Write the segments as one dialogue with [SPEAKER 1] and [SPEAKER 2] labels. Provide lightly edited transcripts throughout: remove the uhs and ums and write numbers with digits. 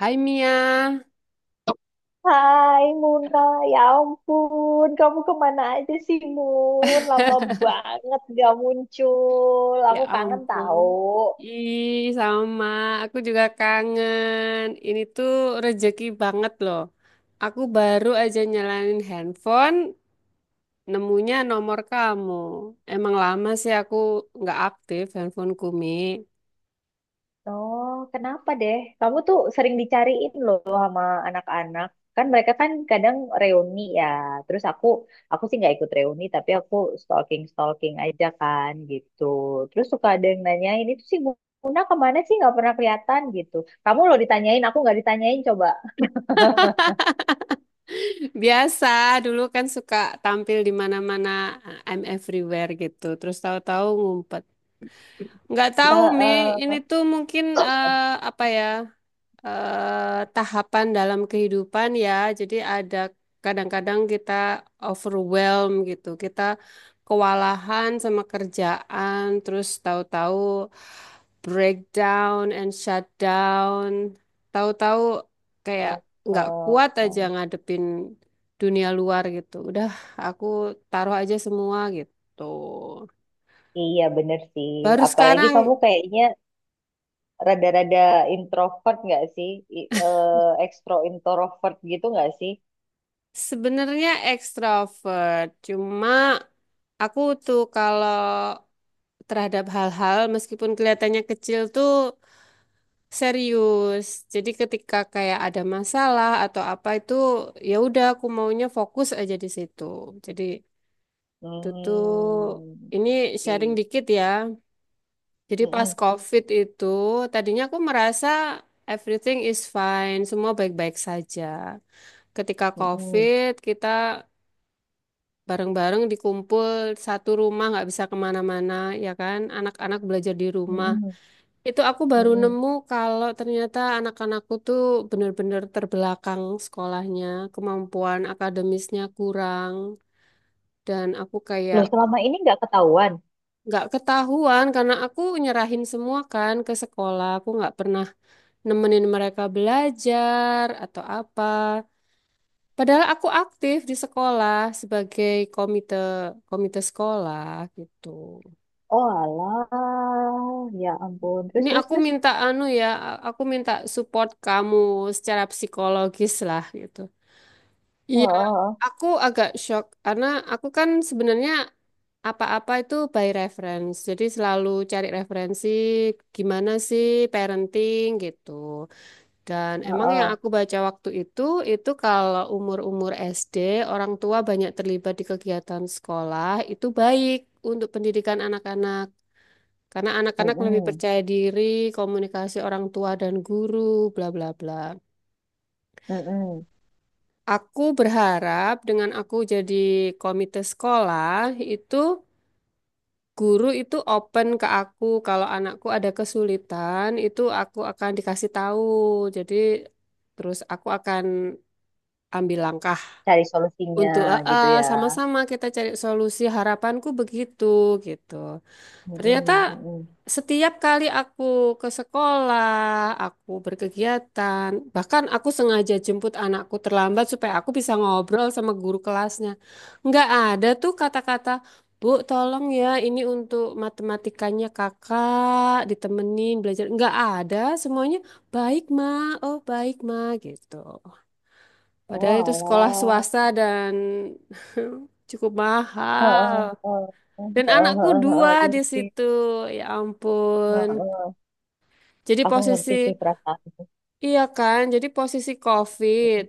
[SPEAKER 1] Hai Mia,
[SPEAKER 2] Hai Muna, ya ampun, kamu kemana aja sih Mun? Lama banget gak muncul,
[SPEAKER 1] ya
[SPEAKER 2] aku kangen
[SPEAKER 1] ampun.
[SPEAKER 2] tahu.
[SPEAKER 1] Ih, sama. Aku juga kangen. Ini tuh rezeki banget loh. Aku baru aja nyalain handphone, nemunya nomor kamu. Emang lama sih aku nggak aktif handphoneku, Mi.
[SPEAKER 2] Oh, kenapa deh? Kamu tuh sering dicariin loh sama anak-anak. Kan mereka kan kadang reuni ya. Terus aku sih nggak ikut reuni, tapi aku stalking-stalking aja kan gitu. Terus suka ada yang nanyain, itu sih Muna kemana sih nggak pernah kelihatan gitu. Kamu loh ditanyain, aku nggak ditanyain coba.
[SPEAKER 1] Biasa, dulu kan suka tampil di mana-mana, I'm everywhere gitu. Terus tahu-tahu ngumpet. Nggak tahu, Mi. Ini
[SPEAKER 2] Heeh.
[SPEAKER 1] tuh mungkin apa ya? Tahapan dalam kehidupan ya. Jadi ada kadang-kadang kita overwhelm gitu. Kita kewalahan sama kerjaan, terus tahu-tahu breakdown and shutdown. Tahu-tahu kayak
[SPEAKER 2] Oh,
[SPEAKER 1] nggak
[SPEAKER 2] oh,
[SPEAKER 1] kuat aja
[SPEAKER 2] oh.
[SPEAKER 1] ngadepin dunia luar gitu. Udah, aku taruh aja semua gitu.
[SPEAKER 2] Iya bener sih.
[SPEAKER 1] Baru
[SPEAKER 2] Apalagi
[SPEAKER 1] sekarang.
[SPEAKER 2] kamu kayaknya rada-rada introvert nggak sih? Ekstro introvert gitu nggak sih?
[SPEAKER 1] Sebenarnya ekstrovert, cuma aku tuh kalau terhadap hal-hal meskipun kelihatannya kecil tuh serius. Jadi ketika kayak ada masalah atau apa itu ya udah aku maunya fokus aja di situ. Jadi itu tuh
[SPEAKER 2] Hmm.
[SPEAKER 1] ini sharing
[SPEAKER 2] Oke.
[SPEAKER 1] dikit ya. Jadi pas
[SPEAKER 2] Mm-mm,
[SPEAKER 1] COVID itu tadinya aku merasa everything is fine, semua baik-baik saja. Ketika
[SPEAKER 2] mm-mm,
[SPEAKER 1] COVID kita bareng-bareng dikumpul satu rumah nggak bisa kemana-mana, ya kan anak-anak belajar di rumah
[SPEAKER 2] mm-mm,
[SPEAKER 1] itu aku baru
[SPEAKER 2] mm-mm.
[SPEAKER 1] nemu kalau ternyata anak-anakku tuh bener-bener terbelakang sekolahnya, kemampuan akademisnya kurang dan aku kayak
[SPEAKER 2] Loh selama ini nggak ketahuan?
[SPEAKER 1] nggak ketahuan karena aku nyerahin semua kan ke sekolah, aku nggak pernah nemenin mereka belajar atau apa. Padahal aku aktif di sekolah sebagai komite komite sekolah gitu.
[SPEAKER 2] Oh alah, ya ampun. Terus
[SPEAKER 1] Ini
[SPEAKER 2] terus
[SPEAKER 1] aku
[SPEAKER 2] terus.
[SPEAKER 1] minta anu ya, aku minta support kamu secara psikologis lah gitu.
[SPEAKER 2] Oh,
[SPEAKER 1] Iya,
[SPEAKER 2] oh,
[SPEAKER 1] aku agak shock karena aku kan sebenarnya apa-apa itu by reference. Jadi selalu cari referensi gimana sih parenting gitu. Dan
[SPEAKER 2] oh, oh,
[SPEAKER 1] emang yang
[SPEAKER 2] oh.
[SPEAKER 1] aku baca waktu itu kalau umur-umur SD, orang tua banyak terlibat di kegiatan sekolah, itu baik untuk pendidikan anak-anak. Karena anak-anak lebih
[SPEAKER 2] Mm-mm,
[SPEAKER 1] percaya diri, komunikasi orang tua dan guru, bla bla bla.
[SPEAKER 2] mm-mm.
[SPEAKER 1] Aku berharap dengan aku jadi komite sekolah itu guru itu open ke aku kalau anakku ada kesulitan itu aku akan dikasih tahu. Jadi terus aku akan ambil langkah
[SPEAKER 2] Cari solusinya
[SPEAKER 1] untuk "Ah,
[SPEAKER 2] gitu
[SPEAKER 1] ah,
[SPEAKER 2] ya.
[SPEAKER 1] sama-sama kita cari solusi. Harapanku begitu gitu. Ternyata
[SPEAKER 2] Mm-mm, mm-mm.
[SPEAKER 1] setiap kali aku ke sekolah, aku berkegiatan, bahkan aku sengaja jemput anakku terlambat supaya aku bisa ngobrol sama guru kelasnya. Nggak ada tuh kata-kata, Bu, tolong ya, ini untuk matematikanya kakak, ditemenin belajar. Nggak ada, semuanya baik, Ma. Oh, baik, Ma, gitu.
[SPEAKER 2] Oh
[SPEAKER 1] Padahal itu sekolah swasta
[SPEAKER 2] alah.
[SPEAKER 1] dan cukup
[SPEAKER 2] Heeh,
[SPEAKER 1] mahal.
[SPEAKER 2] heeh,
[SPEAKER 1] Dan
[SPEAKER 2] heeh,
[SPEAKER 1] anakku
[SPEAKER 2] heeh, heeh,
[SPEAKER 1] dua
[SPEAKER 2] iya
[SPEAKER 1] di
[SPEAKER 2] sih.
[SPEAKER 1] situ. Ya ampun.
[SPEAKER 2] Heeh.
[SPEAKER 1] Jadi
[SPEAKER 2] Aku ngerti
[SPEAKER 1] posisi,
[SPEAKER 2] sih perasaan.
[SPEAKER 1] iya kan? Jadi posisi COVID.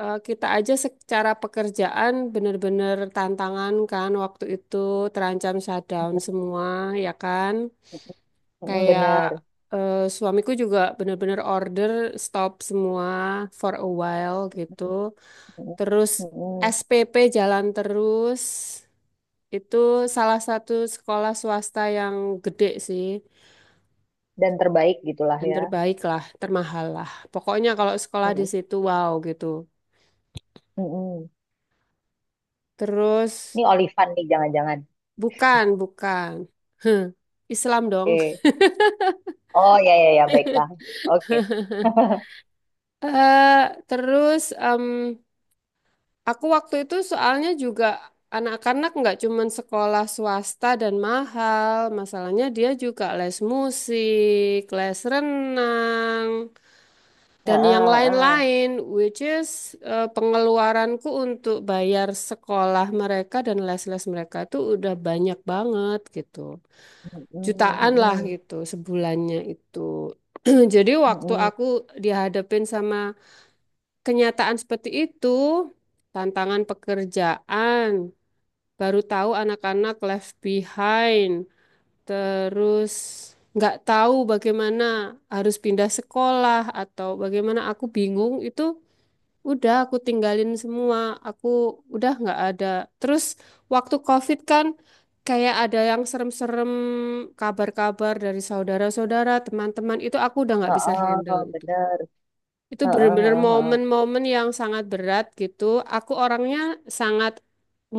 [SPEAKER 1] Kita aja secara pekerjaan benar-benar tantangan kan waktu itu terancam shutdown semua, ya kan?
[SPEAKER 2] Mm,
[SPEAKER 1] Kayak
[SPEAKER 2] bener.
[SPEAKER 1] suamiku juga benar-benar order stop semua for a while gitu.
[SPEAKER 2] Mm,
[SPEAKER 1] Terus
[SPEAKER 2] mm.
[SPEAKER 1] SPP jalan terus. Itu salah satu sekolah swasta yang gede sih.
[SPEAKER 2] Dan terbaik gitulah
[SPEAKER 1] Dan
[SPEAKER 2] ya.
[SPEAKER 1] terbaik lah, termahal lah. Pokoknya kalau sekolah di
[SPEAKER 2] Mm,
[SPEAKER 1] situ wow gitu.
[SPEAKER 2] mm.
[SPEAKER 1] Terus
[SPEAKER 2] Ini Olivan nih, jangan-jangan.
[SPEAKER 1] bukan, bukan. Islam dong.
[SPEAKER 2] Oke. Oh ya ya ya, baiklah. Oke.
[SPEAKER 1] Eh terus aku waktu itu soalnya juga anak-anak nggak cuman sekolah swasta dan mahal. Masalahnya dia juga les musik, les renang. Dan yang
[SPEAKER 2] Heeh, heeh.
[SPEAKER 1] lain-lain, which is pengeluaranku untuk bayar sekolah mereka dan les-les mereka itu udah banyak banget gitu.
[SPEAKER 2] Mm, mm,
[SPEAKER 1] Jutaan lah
[SPEAKER 2] mm,
[SPEAKER 1] gitu sebulannya itu. Jadi
[SPEAKER 2] mm,
[SPEAKER 1] waktu
[SPEAKER 2] mm.
[SPEAKER 1] aku dihadapin sama kenyataan seperti itu, tantangan pekerjaan, baru tahu anak-anak left behind, terus nggak tahu bagaimana harus pindah sekolah atau bagaimana aku bingung itu. Udah aku tinggalin semua. Aku udah nggak ada. Terus waktu COVID kan kayak ada yang serem-serem kabar-kabar dari saudara-saudara, teman-teman itu aku udah nggak bisa handle
[SPEAKER 2] Heeh,
[SPEAKER 1] itu.
[SPEAKER 2] bener.
[SPEAKER 1] Itu
[SPEAKER 2] Heeh,
[SPEAKER 1] bener-bener
[SPEAKER 2] heeh, heeh,
[SPEAKER 1] momen-momen yang sangat berat gitu. Aku orangnya sangat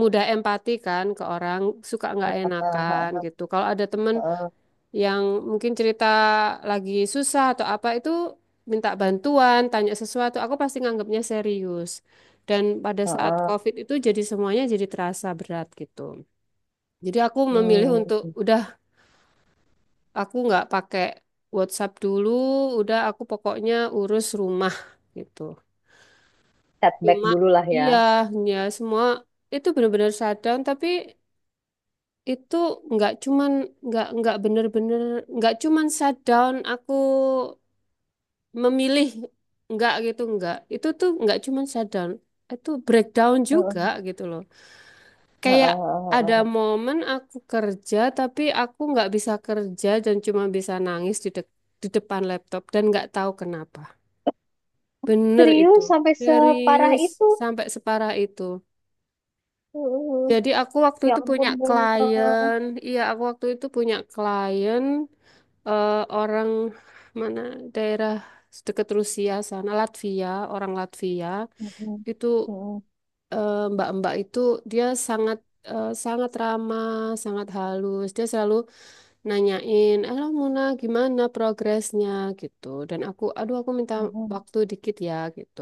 [SPEAKER 1] mudah empati kan ke orang, suka nggak enakan
[SPEAKER 2] heeh,
[SPEAKER 1] gitu. Kalau ada teman
[SPEAKER 2] heeh,
[SPEAKER 1] yang mungkin cerita lagi susah atau apa itu minta bantuan, tanya sesuatu, aku pasti nganggapnya serius. Dan pada
[SPEAKER 2] heeh,
[SPEAKER 1] saat
[SPEAKER 2] heeh.
[SPEAKER 1] COVID itu jadi semuanya jadi terasa berat gitu. Jadi aku memilih untuk
[SPEAKER 2] Hmm,
[SPEAKER 1] udah aku nggak pakai WhatsApp dulu, udah aku pokoknya urus rumah gitu.
[SPEAKER 2] setback
[SPEAKER 1] Cuma
[SPEAKER 2] dulu lah ya.
[SPEAKER 1] iya, ya semua itu benar-benar shutdown tapi itu nggak cuman nggak bener-bener nggak cuman shutdown aku memilih enggak gitu enggak itu tuh enggak cuman shutdown itu breakdown
[SPEAKER 2] Heeh,
[SPEAKER 1] juga gitu loh
[SPEAKER 2] heeh,
[SPEAKER 1] kayak
[SPEAKER 2] heeh,
[SPEAKER 1] ada
[SPEAKER 2] heeh.
[SPEAKER 1] momen aku kerja tapi aku nggak bisa kerja dan cuma bisa nangis di depan laptop dan nggak tahu kenapa bener itu
[SPEAKER 2] Serius sampai separah
[SPEAKER 1] serius
[SPEAKER 2] itu.
[SPEAKER 1] sampai separah itu
[SPEAKER 2] Mm-mm.
[SPEAKER 1] jadi aku waktu
[SPEAKER 2] Ya
[SPEAKER 1] itu
[SPEAKER 2] ampun
[SPEAKER 1] punya
[SPEAKER 2] Bunda.
[SPEAKER 1] klien iya aku waktu itu punya klien orang mana daerah deket Rusia sana Latvia orang Latvia
[SPEAKER 2] Mm-mm.
[SPEAKER 1] itu
[SPEAKER 2] Mm-mm.
[SPEAKER 1] Mbak-mbak itu dia sangat ramah, sangat halus. Dia selalu nanyain, "Halo Muna, gimana progresnya?" gitu. Dan aku, "Aduh, aku minta
[SPEAKER 2] Mm-mm.
[SPEAKER 1] waktu dikit ya." gitu.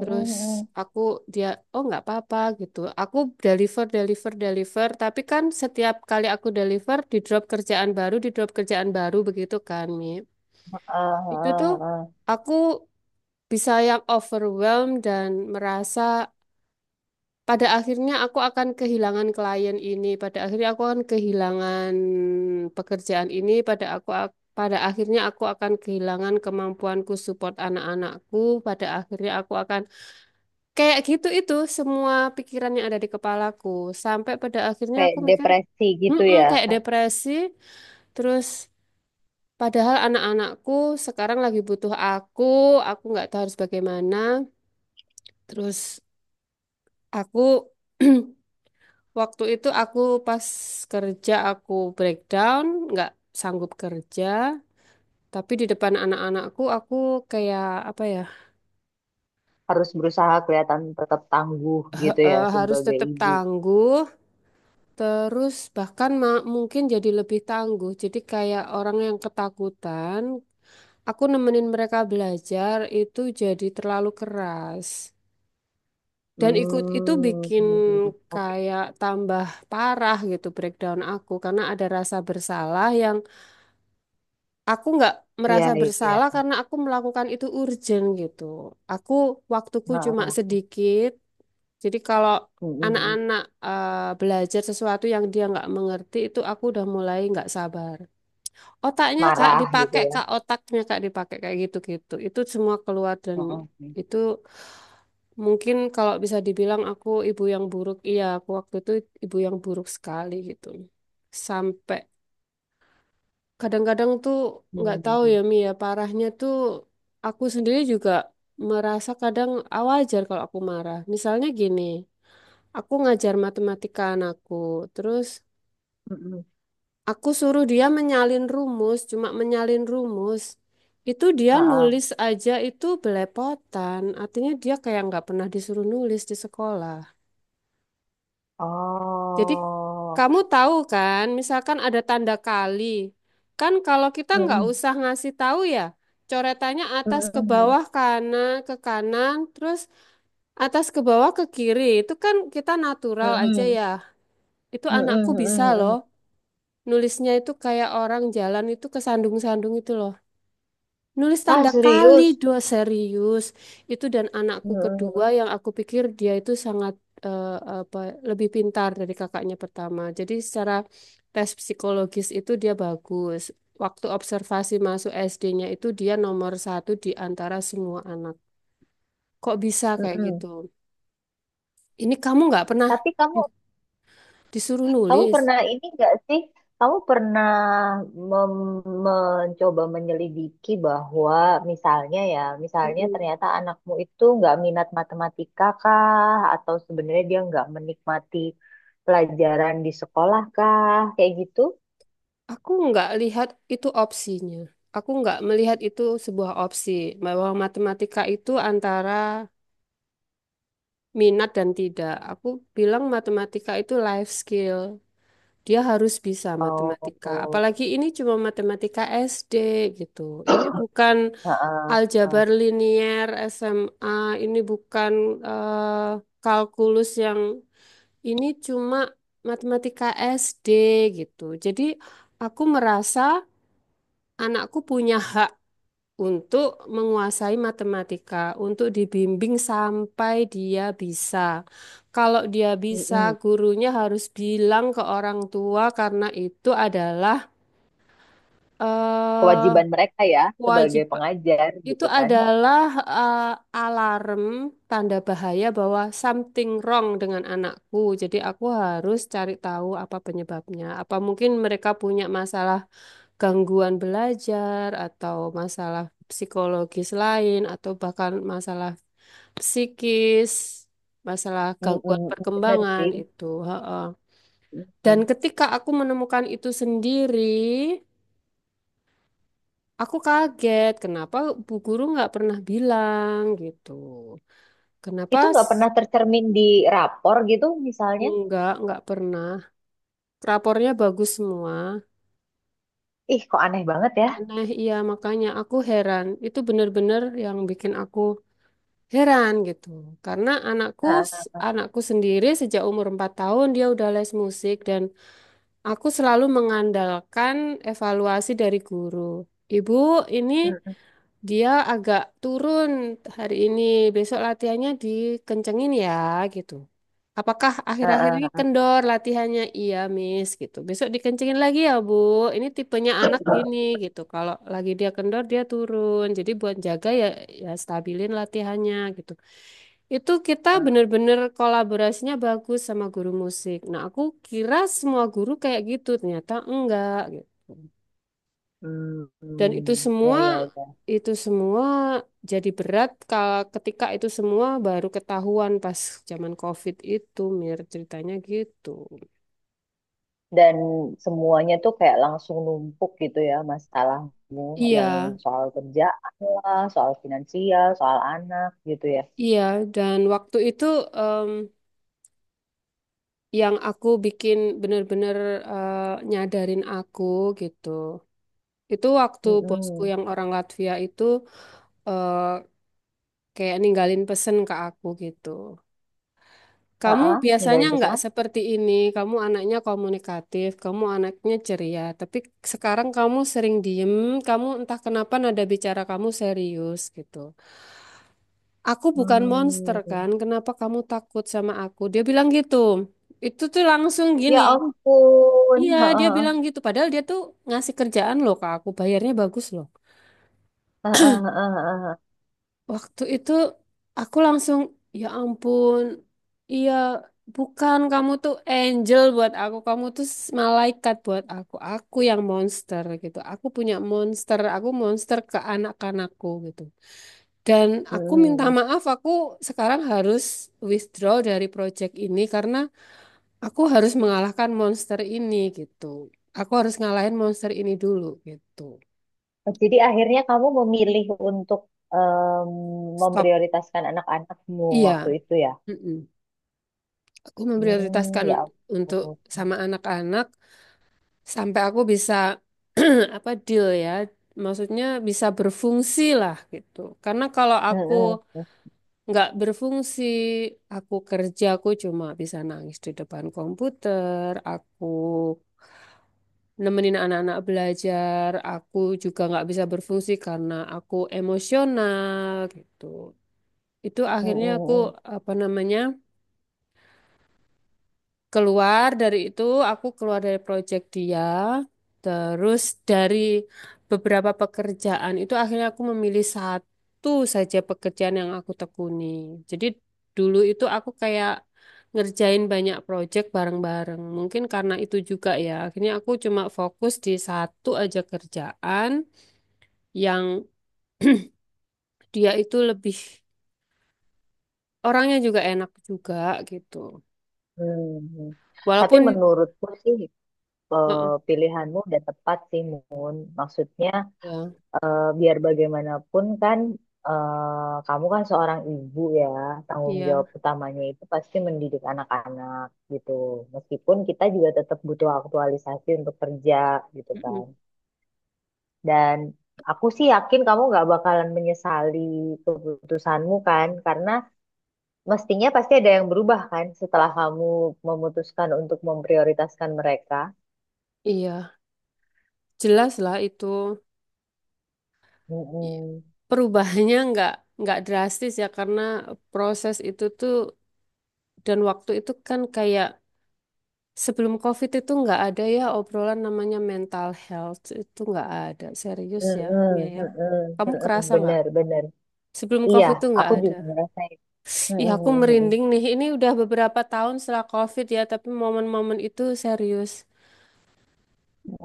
[SPEAKER 1] Terus aku dia, "Oh, nggak apa-apa." gitu. Aku deliver, deliver, deliver, tapi kan setiap kali aku deliver di drop kerjaan baru, di drop kerjaan baru begitu kan, Mi.
[SPEAKER 2] Ah,
[SPEAKER 1] Itu tuh
[SPEAKER 2] ah, ah.
[SPEAKER 1] aku bisa yang overwhelmed dan merasa pada akhirnya aku akan kehilangan klien ini, pada akhirnya aku akan kehilangan pekerjaan ini, pada akhirnya aku akan kehilangan kemampuanku support anak-anakku, pada akhirnya aku akan kayak gitu itu semua pikiran yang ada di kepalaku sampai pada akhirnya
[SPEAKER 2] Kayak
[SPEAKER 1] aku mikir,
[SPEAKER 2] depresi gitu
[SPEAKER 1] "Mm-mm,"
[SPEAKER 2] ya.
[SPEAKER 1] kayak depresi, terus padahal anak-anakku sekarang lagi butuh aku nggak tahu harus bagaimana, terus aku Waktu itu aku pas kerja aku breakdown, nggak sanggup kerja, tapi di depan anak-anakku aku kayak apa ya
[SPEAKER 2] Harus berusaha kelihatan tetap tangguh gitu ya
[SPEAKER 1] harus
[SPEAKER 2] sebagai
[SPEAKER 1] tetap
[SPEAKER 2] ibu.
[SPEAKER 1] tangguh, terus bahkan mungkin jadi lebih tangguh. Jadi kayak orang yang ketakutan, aku nemenin mereka belajar itu jadi terlalu keras. Dan ikut itu
[SPEAKER 2] Hmm.
[SPEAKER 1] bikin
[SPEAKER 2] Oke.
[SPEAKER 1] kayak tambah parah gitu breakdown aku karena ada rasa bersalah yang aku nggak
[SPEAKER 2] Iya,
[SPEAKER 1] merasa
[SPEAKER 2] iya.
[SPEAKER 1] bersalah karena aku melakukan itu urgent gitu. Aku waktuku
[SPEAKER 2] Ah,
[SPEAKER 1] cuma
[SPEAKER 2] ah.
[SPEAKER 1] sedikit. Jadi kalau
[SPEAKER 2] Mm-mm.
[SPEAKER 1] anak-anak eh, belajar sesuatu yang dia nggak mengerti itu aku udah mulai nggak sabar. Otaknya Kak
[SPEAKER 2] Marah gitu
[SPEAKER 1] dipakai
[SPEAKER 2] ya.
[SPEAKER 1] Kak, otaknya Kak dipakai kayak gitu-gitu. Itu semua keluar dan
[SPEAKER 2] Mm-mm.
[SPEAKER 1] itu mungkin kalau bisa dibilang aku ibu yang buruk. Iya, aku waktu itu ibu yang buruk sekali gitu. Sampai kadang-kadang tuh nggak tahu ya
[SPEAKER 2] Mm-mm.
[SPEAKER 1] Mi ya parahnya tuh aku sendiri juga merasa kadang ah, wajar kalau aku marah. Misalnya gini, aku ngajar matematika anakku, terus
[SPEAKER 2] Mm-mm.
[SPEAKER 1] aku suruh dia menyalin rumus, cuma menyalin rumus. Itu dia
[SPEAKER 2] Ah,
[SPEAKER 1] nulis
[SPEAKER 2] ah.
[SPEAKER 1] aja itu belepotan, artinya dia kayak nggak pernah disuruh nulis di sekolah. Jadi
[SPEAKER 2] Oh.
[SPEAKER 1] kamu tahu kan, misalkan ada tanda kali. Kan kalau kita nggak
[SPEAKER 2] Mm-mm.
[SPEAKER 1] usah ngasih tahu ya, coretannya atas ke
[SPEAKER 2] Mm-mm.
[SPEAKER 1] bawah kanan ke kanan, terus atas ke bawah ke kiri. Itu kan kita natural aja
[SPEAKER 2] Mm-mm.
[SPEAKER 1] ya. Itu
[SPEAKER 2] Mm-mm,
[SPEAKER 1] anakku bisa
[SPEAKER 2] mm-mm,
[SPEAKER 1] loh.
[SPEAKER 2] mm-mm.
[SPEAKER 1] Nulisnya itu kayak orang jalan itu kesandung-sandung itu loh. Nulis
[SPEAKER 2] Ah,
[SPEAKER 1] tanda kali
[SPEAKER 2] serius?
[SPEAKER 1] dua serius itu dan anakku
[SPEAKER 2] Mm-mm,
[SPEAKER 1] kedua yang aku pikir dia itu sangat eh, apa lebih pintar dari kakaknya pertama. Jadi secara tes psikologis itu dia bagus. Waktu observasi masuk SD-nya itu dia nomor satu di antara semua anak. Kok bisa kayak gitu?
[SPEAKER 2] mm-mm.
[SPEAKER 1] Ini kamu nggak pernah
[SPEAKER 2] Tapi kamu
[SPEAKER 1] di- disuruh
[SPEAKER 2] kamu
[SPEAKER 1] nulis.
[SPEAKER 2] pernah ini nggak sih? Kamu pernah mencoba menyelidiki bahwa misalnya ya, misalnya
[SPEAKER 1] Mm-mm.
[SPEAKER 2] ternyata anakmu itu nggak minat matematika kah? Atau sebenarnya dia nggak menikmati pelajaran di sekolah kah? Kayak gitu?
[SPEAKER 1] Aku nggak lihat itu opsinya. Aku nggak melihat itu sebuah opsi bahwa matematika itu antara minat dan tidak. Aku bilang matematika itu life skill. Dia harus bisa
[SPEAKER 2] Oh,
[SPEAKER 1] matematika.
[SPEAKER 2] oh,
[SPEAKER 1] Apalagi ini cuma matematika SD gitu. Ini bukan
[SPEAKER 2] heeh, heeh.
[SPEAKER 1] aljabar linear SMA, ini bukan eh, kalkulus yang ini cuma matematika SD gitu. Jadi aku merasa anakku punya hak untuk menguasai matematika, untuk dibimbing sampai dia bisa. Kalau dia bisa,
[SPEAKER 2] Mm-mm.
[SPEAKER 1] gurunya harus bilang ke orang tua karena itu adalah eh
[SPEAKER 2] Kewajiban mereka ya sebagai
[SPEAKER 1] kewajiban.
[SPEAKER 2] pengajar
[SPEAKER 1] Itu
[SPEAKER 2] gitu kan?
[SPEAKER 1] adalah eh, alarm tanda bahaya bahwa something wrong dengan anakku. Jadi aku harus cari tahu apa penyebabnya. Apa mungkin mereka punya masalah gangguan belajar atau masalah psikologis lain atau bahkan masalah psikis, masalah gangguan
[SPEAKER 2] Mm-mm, bener
[SPEAKER 1] perkembangan
[SPEAKER 2] sih.
[SPEAKER 1] itu. Heeh. Dan
[SPEAKER 2] Mm.
[SPEAKER 1] ketika aku menemukan itu sendiri, aku kaget kenapa Bu Guru nggak pernah bilang gitu. Kenapa
[SPEAKER 2] Itu nggak pernah tercermin di rapor gitu misalnya.
[SPEAKER 1] nggak pernah. Rapornya bagus semua.
[SPEAKER 2] Ih, kok aneh banget ya.
[SPEAKER 1] Aneh, iya makanya aku heran. Itu bener-bener yang bikin aku heran gitu. Karena anakku
[SPEAKER 2] Heeh,
[SPEAKER 1] anakku sendiri sejak umur 4 tahun dia udah les musik dan aku selalu mengandalkan evaluasi dari guru. Ibu, ini
[SPEAKER 2] mm,
[SPEAKER 1] dia agak turun hari ini, besok latihannya dikencengin ya gitu. Apakah akhir-akhir ini
[SPEAKER 2] heeh,
[SPEAKER 1] kendor latihannya? Iya, Miss gitu. Besok dikencengin lagi ya, Bu. Ini tipenya anak gini gitu. Kalau lagi dia kendor dia turun. Jadi buat jaga ya ya stabilin latihannya gitu. Itu kita
[SPEAKER 2] heeh.
[SPEAKER 1] bener-bener kolaborasinya bagus sama guru musik. Nah, aku kira semua guru kayak gitu, ternyata enggak gitu.
[SPEAKER 2] Hmm,
[SPEAKER 1] Dan itu
[SPEAKER 2] ya,
[SPEAKER 1] semua,
[SPEAKER 2] ya, ya.
[SPEAKER 1] itu semua jadi berat kalau ketika itu semua baru ketahuan pas zaman COVID itu, Mir, ceritanya gitu.
[SPEAKER 2] Dan semuanya tuh kayak langsung numpuk gitu ya masalahmu
[SPEAKER 1] Iya,
[SPEAKER 2] yang soal kerjaan lah, soal finansial, soal anak gitu ya.
[SPEAKER 1] iya. Dan waktu itu em, yang aku bikin bener-bener nyadarin aku gitu. Itu waktu bosku
[SPEAKER 2] Mm-mm.
[SPEAKER 1] yang orang Latvia itu eh, kayak ninggalin pesen ke aku gitu. Kamu
[SPEAKER 2] Heeh,
[SPEAKER 1] biasanya
[SPEAKER 2] ninggalin pesan
[SPEAKER 1] nggak
[SPEAKER 2] apa?
[SPEAKER 1] seperti ini. Kamu anaknya komunikatif, kamu anaknya ceria. Tapi sekarang kamu sering diem, kamu entah kenapa nada bicara kamu serius gitu. Aku bukan monster
[SPEAKER 2] Hmm,
[SPEAKER 1] kan, kenapa kamu takut sama aku? Dia bilang gitu. Itu tuh langsung gini.
[SPEAKER 2] ya ampun.
[SPEAKER 1] Iya, dia
[SPEAKER 2] Heeh,
[SPEAKER 1] bilang gitu. Padahal dia tuh ngasih kerjaan loh ke aku, bayarnya bagus loh.
[SPEAKER 2] heeh, heeh, heeh, heeh.
[SPEAKER 1] Waktu itu aku langsung, ya ampun, iya bukan kamu tuh angel buat aku, kamu tuh malaikat buat aku yang monster gitu. Aku punya monster, aku monster ke anak-anakku gitu. Dan aku minta
[SPEAKER 2] Mm-mm.
[SPEAKER 1] maaf, aku sekarang harus withdraw dari project ini karena aku harus mengalahkan monster ini gitu. Aku harus ngalahin monster ini dulu gitu.
[SPEAKER 2] Oh, jadi akhirnya kamu memilih untuk em,
[SPEAKER 1] Stop.
[SPEAKER 2] memprioritaskan anak-anakmu
[SPEAKER 1] Iya.
[SPEAKER 2] waktu itu ya?
[SPEAKER 1] Mm-mm. Aku
[SPEAKER 2] Hmm,
[SPEAKER 1] memprioritaskan
[SPEAKER 2] ya.
[SPEAKER 1] untuk
[SPEAKER 2] Ampun.
[SPEAKER 1] sama anak-anak sampai aku bisa apa deal ya maksudnya bisa berfungsi lah gitu karena kalau
[SPEAKER 2] Mm,
[SPEAKER 1] aku
[SPEAKER 2] mm, mm,
[SPEAKER 1] nggak berfungsi aku kerja aku cuma bisa nangis di depan komputer aku nemenin anak-anak belajar aku juga nggak bisa berfungsi karena aku emosional gitu itu
[SPEAKER 2] mm,
[SPEAKER 1] akhirnya aku
[SPEAKER 2] mm,
[SPEAKER 1] apa namanya keluar dari itu aku keluar dari project dia terus dari beberapa pekerjaan itu akhirnya aku memilih satu saja pekerjaan yang aku tekuni jadi dulu itu aku kayak ngerjain banyak project bareng-bareng mungkin karena itu juga ya akhirnya aku cuma fokus di satu aja kerjaan yang dia itu lebih orangnya juga enak juga gitu
[SPEAKER 2] mm, mm. Tapi
[SPEAKER 1] walaupun
[SPEAKER 2] menurutku sih eh,
[SPEAKER 1] heeh,
[SPEAKER 2] pilihanmu udah tepat sih, Mun. Maksudnya
[SPEAKER 1] ya
[SPEAKER 2] biar bagaimanapun kan kamu kan seorang ibu ya, tanggung
[SPEAKER 1] iya.
[SPEAKER 2] jawab utamanya itu pasti mendidik anak-anak gitu. Meskipun kita juga tetap butuh aktualisasi untuk kerja gitu kan.
[SPEAKER 1] Mm-mm.
[SPEAKER 2] Dan aku sih yakin kamu nggak bakalan menyesali keputusanmu kan, karena mestinya pasti ada yang berubah kan setelah kamu memutuskan untuk memprioritaskan mereka.
[SPEAKER 1] Iya, jelas lah itu. I-
[SPEAKER 2] Mm-mm.
[SPEAKER 1] Perubahannya nggak drastis ya karena proses itu tuh dan waktu itu kan kayak sebelum COVID itu nggak ada ya obrolan namanya mental health itu nggak ada serius ya Mia
[SPEAKER 2] Mm-mm.
[SPEAKER 1] ya.
[SPEAKER 2] Mm-mm.
[SPEAKER 1] Kamu
[SPEAKER 2] Mm-mm.
[SPEAKER 1] kerasa nggak?
[SPEAKER 2] Bener, bener.
[SPEAKER 1] Sebelum
[SPEAKER 2] Iya,
[SPEAKER 1] COVID itu nggak
[SPEAKER 2] aku
[SPEAKER 1] ada.
[SPEAKER 2] juga merasa
[SPEAKER 1] Ih aku merinding nih. Ini udah beberapa tahun setelah COVID ya tapi momen-momen itu serius.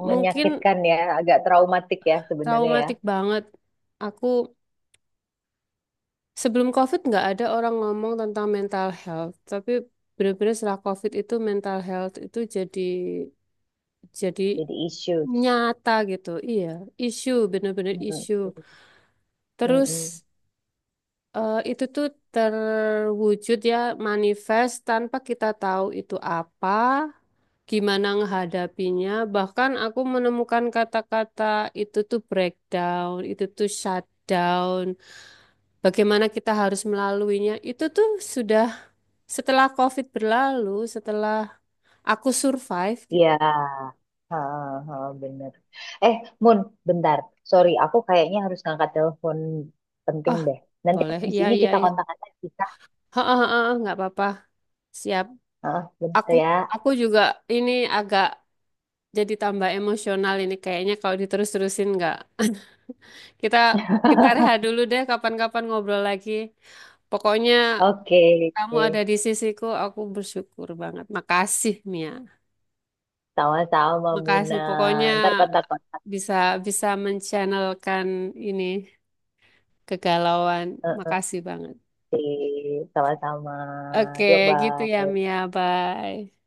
[SPEAKER 1] Mungkin
[SPEAKER 2] menyakitkan ya, agak traumatik ya sebenarnya ya.
[SPEAKER 1] traumatik banget. Aku sebelum COVID nggak ada orang ngomong tentang mental health, tapi bener-bener setelah COVID itu mental health itu jadi jadi
[SPEAKER 2] Jadi issues.
[SPEAKER 1] nyata gitu. Iya, isu bener-bener
[SPEAKER 2] Mm-mm.
[SPEAKER 1] isu.
[SPEAKER 2] Mm-mm.
[SPEAKER 1] Terus itu tuh terwujud ya manifest tanpa kita tahu itu apa, gimana menghadapinya. Bahkan aku menemukan kata-kata itu tuh breakdown, itu tuh shutdown, bagaimana kita harus melaluinya. Itu tuh sudah setelah COVID berlalu, setelah aku survive gitu.
[SPEAKER 2] Iya. Ha, ha, bener. Eh, Mun, bentar. Sorry, aku kayaknya harus ngangkat telepon penting
[SPEAKER 1] Oh,
[SPEAKER 2] deh. Nanti
[SPEAKER 1] boleh.
[SPEAKER 2] habis
[SPEAKER 1] Iya,
[SPEAKER 2] ini
[SPEAKER 1] iya,
[SPEAKER 2] kita
[SPEAKER 1] iya.
[SPEAKER 2] kontak lagi kita.
[SPEAKER 1] Heeh, heeh, nggak apa-apa. Siap.
[SPEAKER 2] Ah, bentar
[SPEAKER 1] Aku
[SPEAKER 2] ya.
[SPEAKER 1] aku juga ini agak jadi tambah emosional ini kayaknya kalau diterus-terusin nggak. Kita kita rehat dulu deh kapan-kapan ngobrol lagi. Pokoknya
[SPEAKER 2] Oke,
[SPEAKER 1] kamu
[SPEAKER 2] oke.
[SPEAKER 1] ada di sisiku, aku bersyukur banget. Makasih, Mia.
[SPEAKER 2] Sama-sama, Muna.
[SPEAKER 1] Makasih. Pokoknya
[SPEAKER 2] Ntar kontak-kontak.
[SPEAKER 1] bisa bisa menchannelkan ini kegalauan.
[SPEAKER 2] Eh, eh,
[SPEAKER 1] Makasih banget.
[SPEAKER 2] oke, sama-sama.
[SPEAKER 1] Oke,
[SPEAKER 2] Yuk,
[SPEAKER 1] gitu ya
[SPEAKER 2] bye.
[SPEAKER 1] Mia. Bye.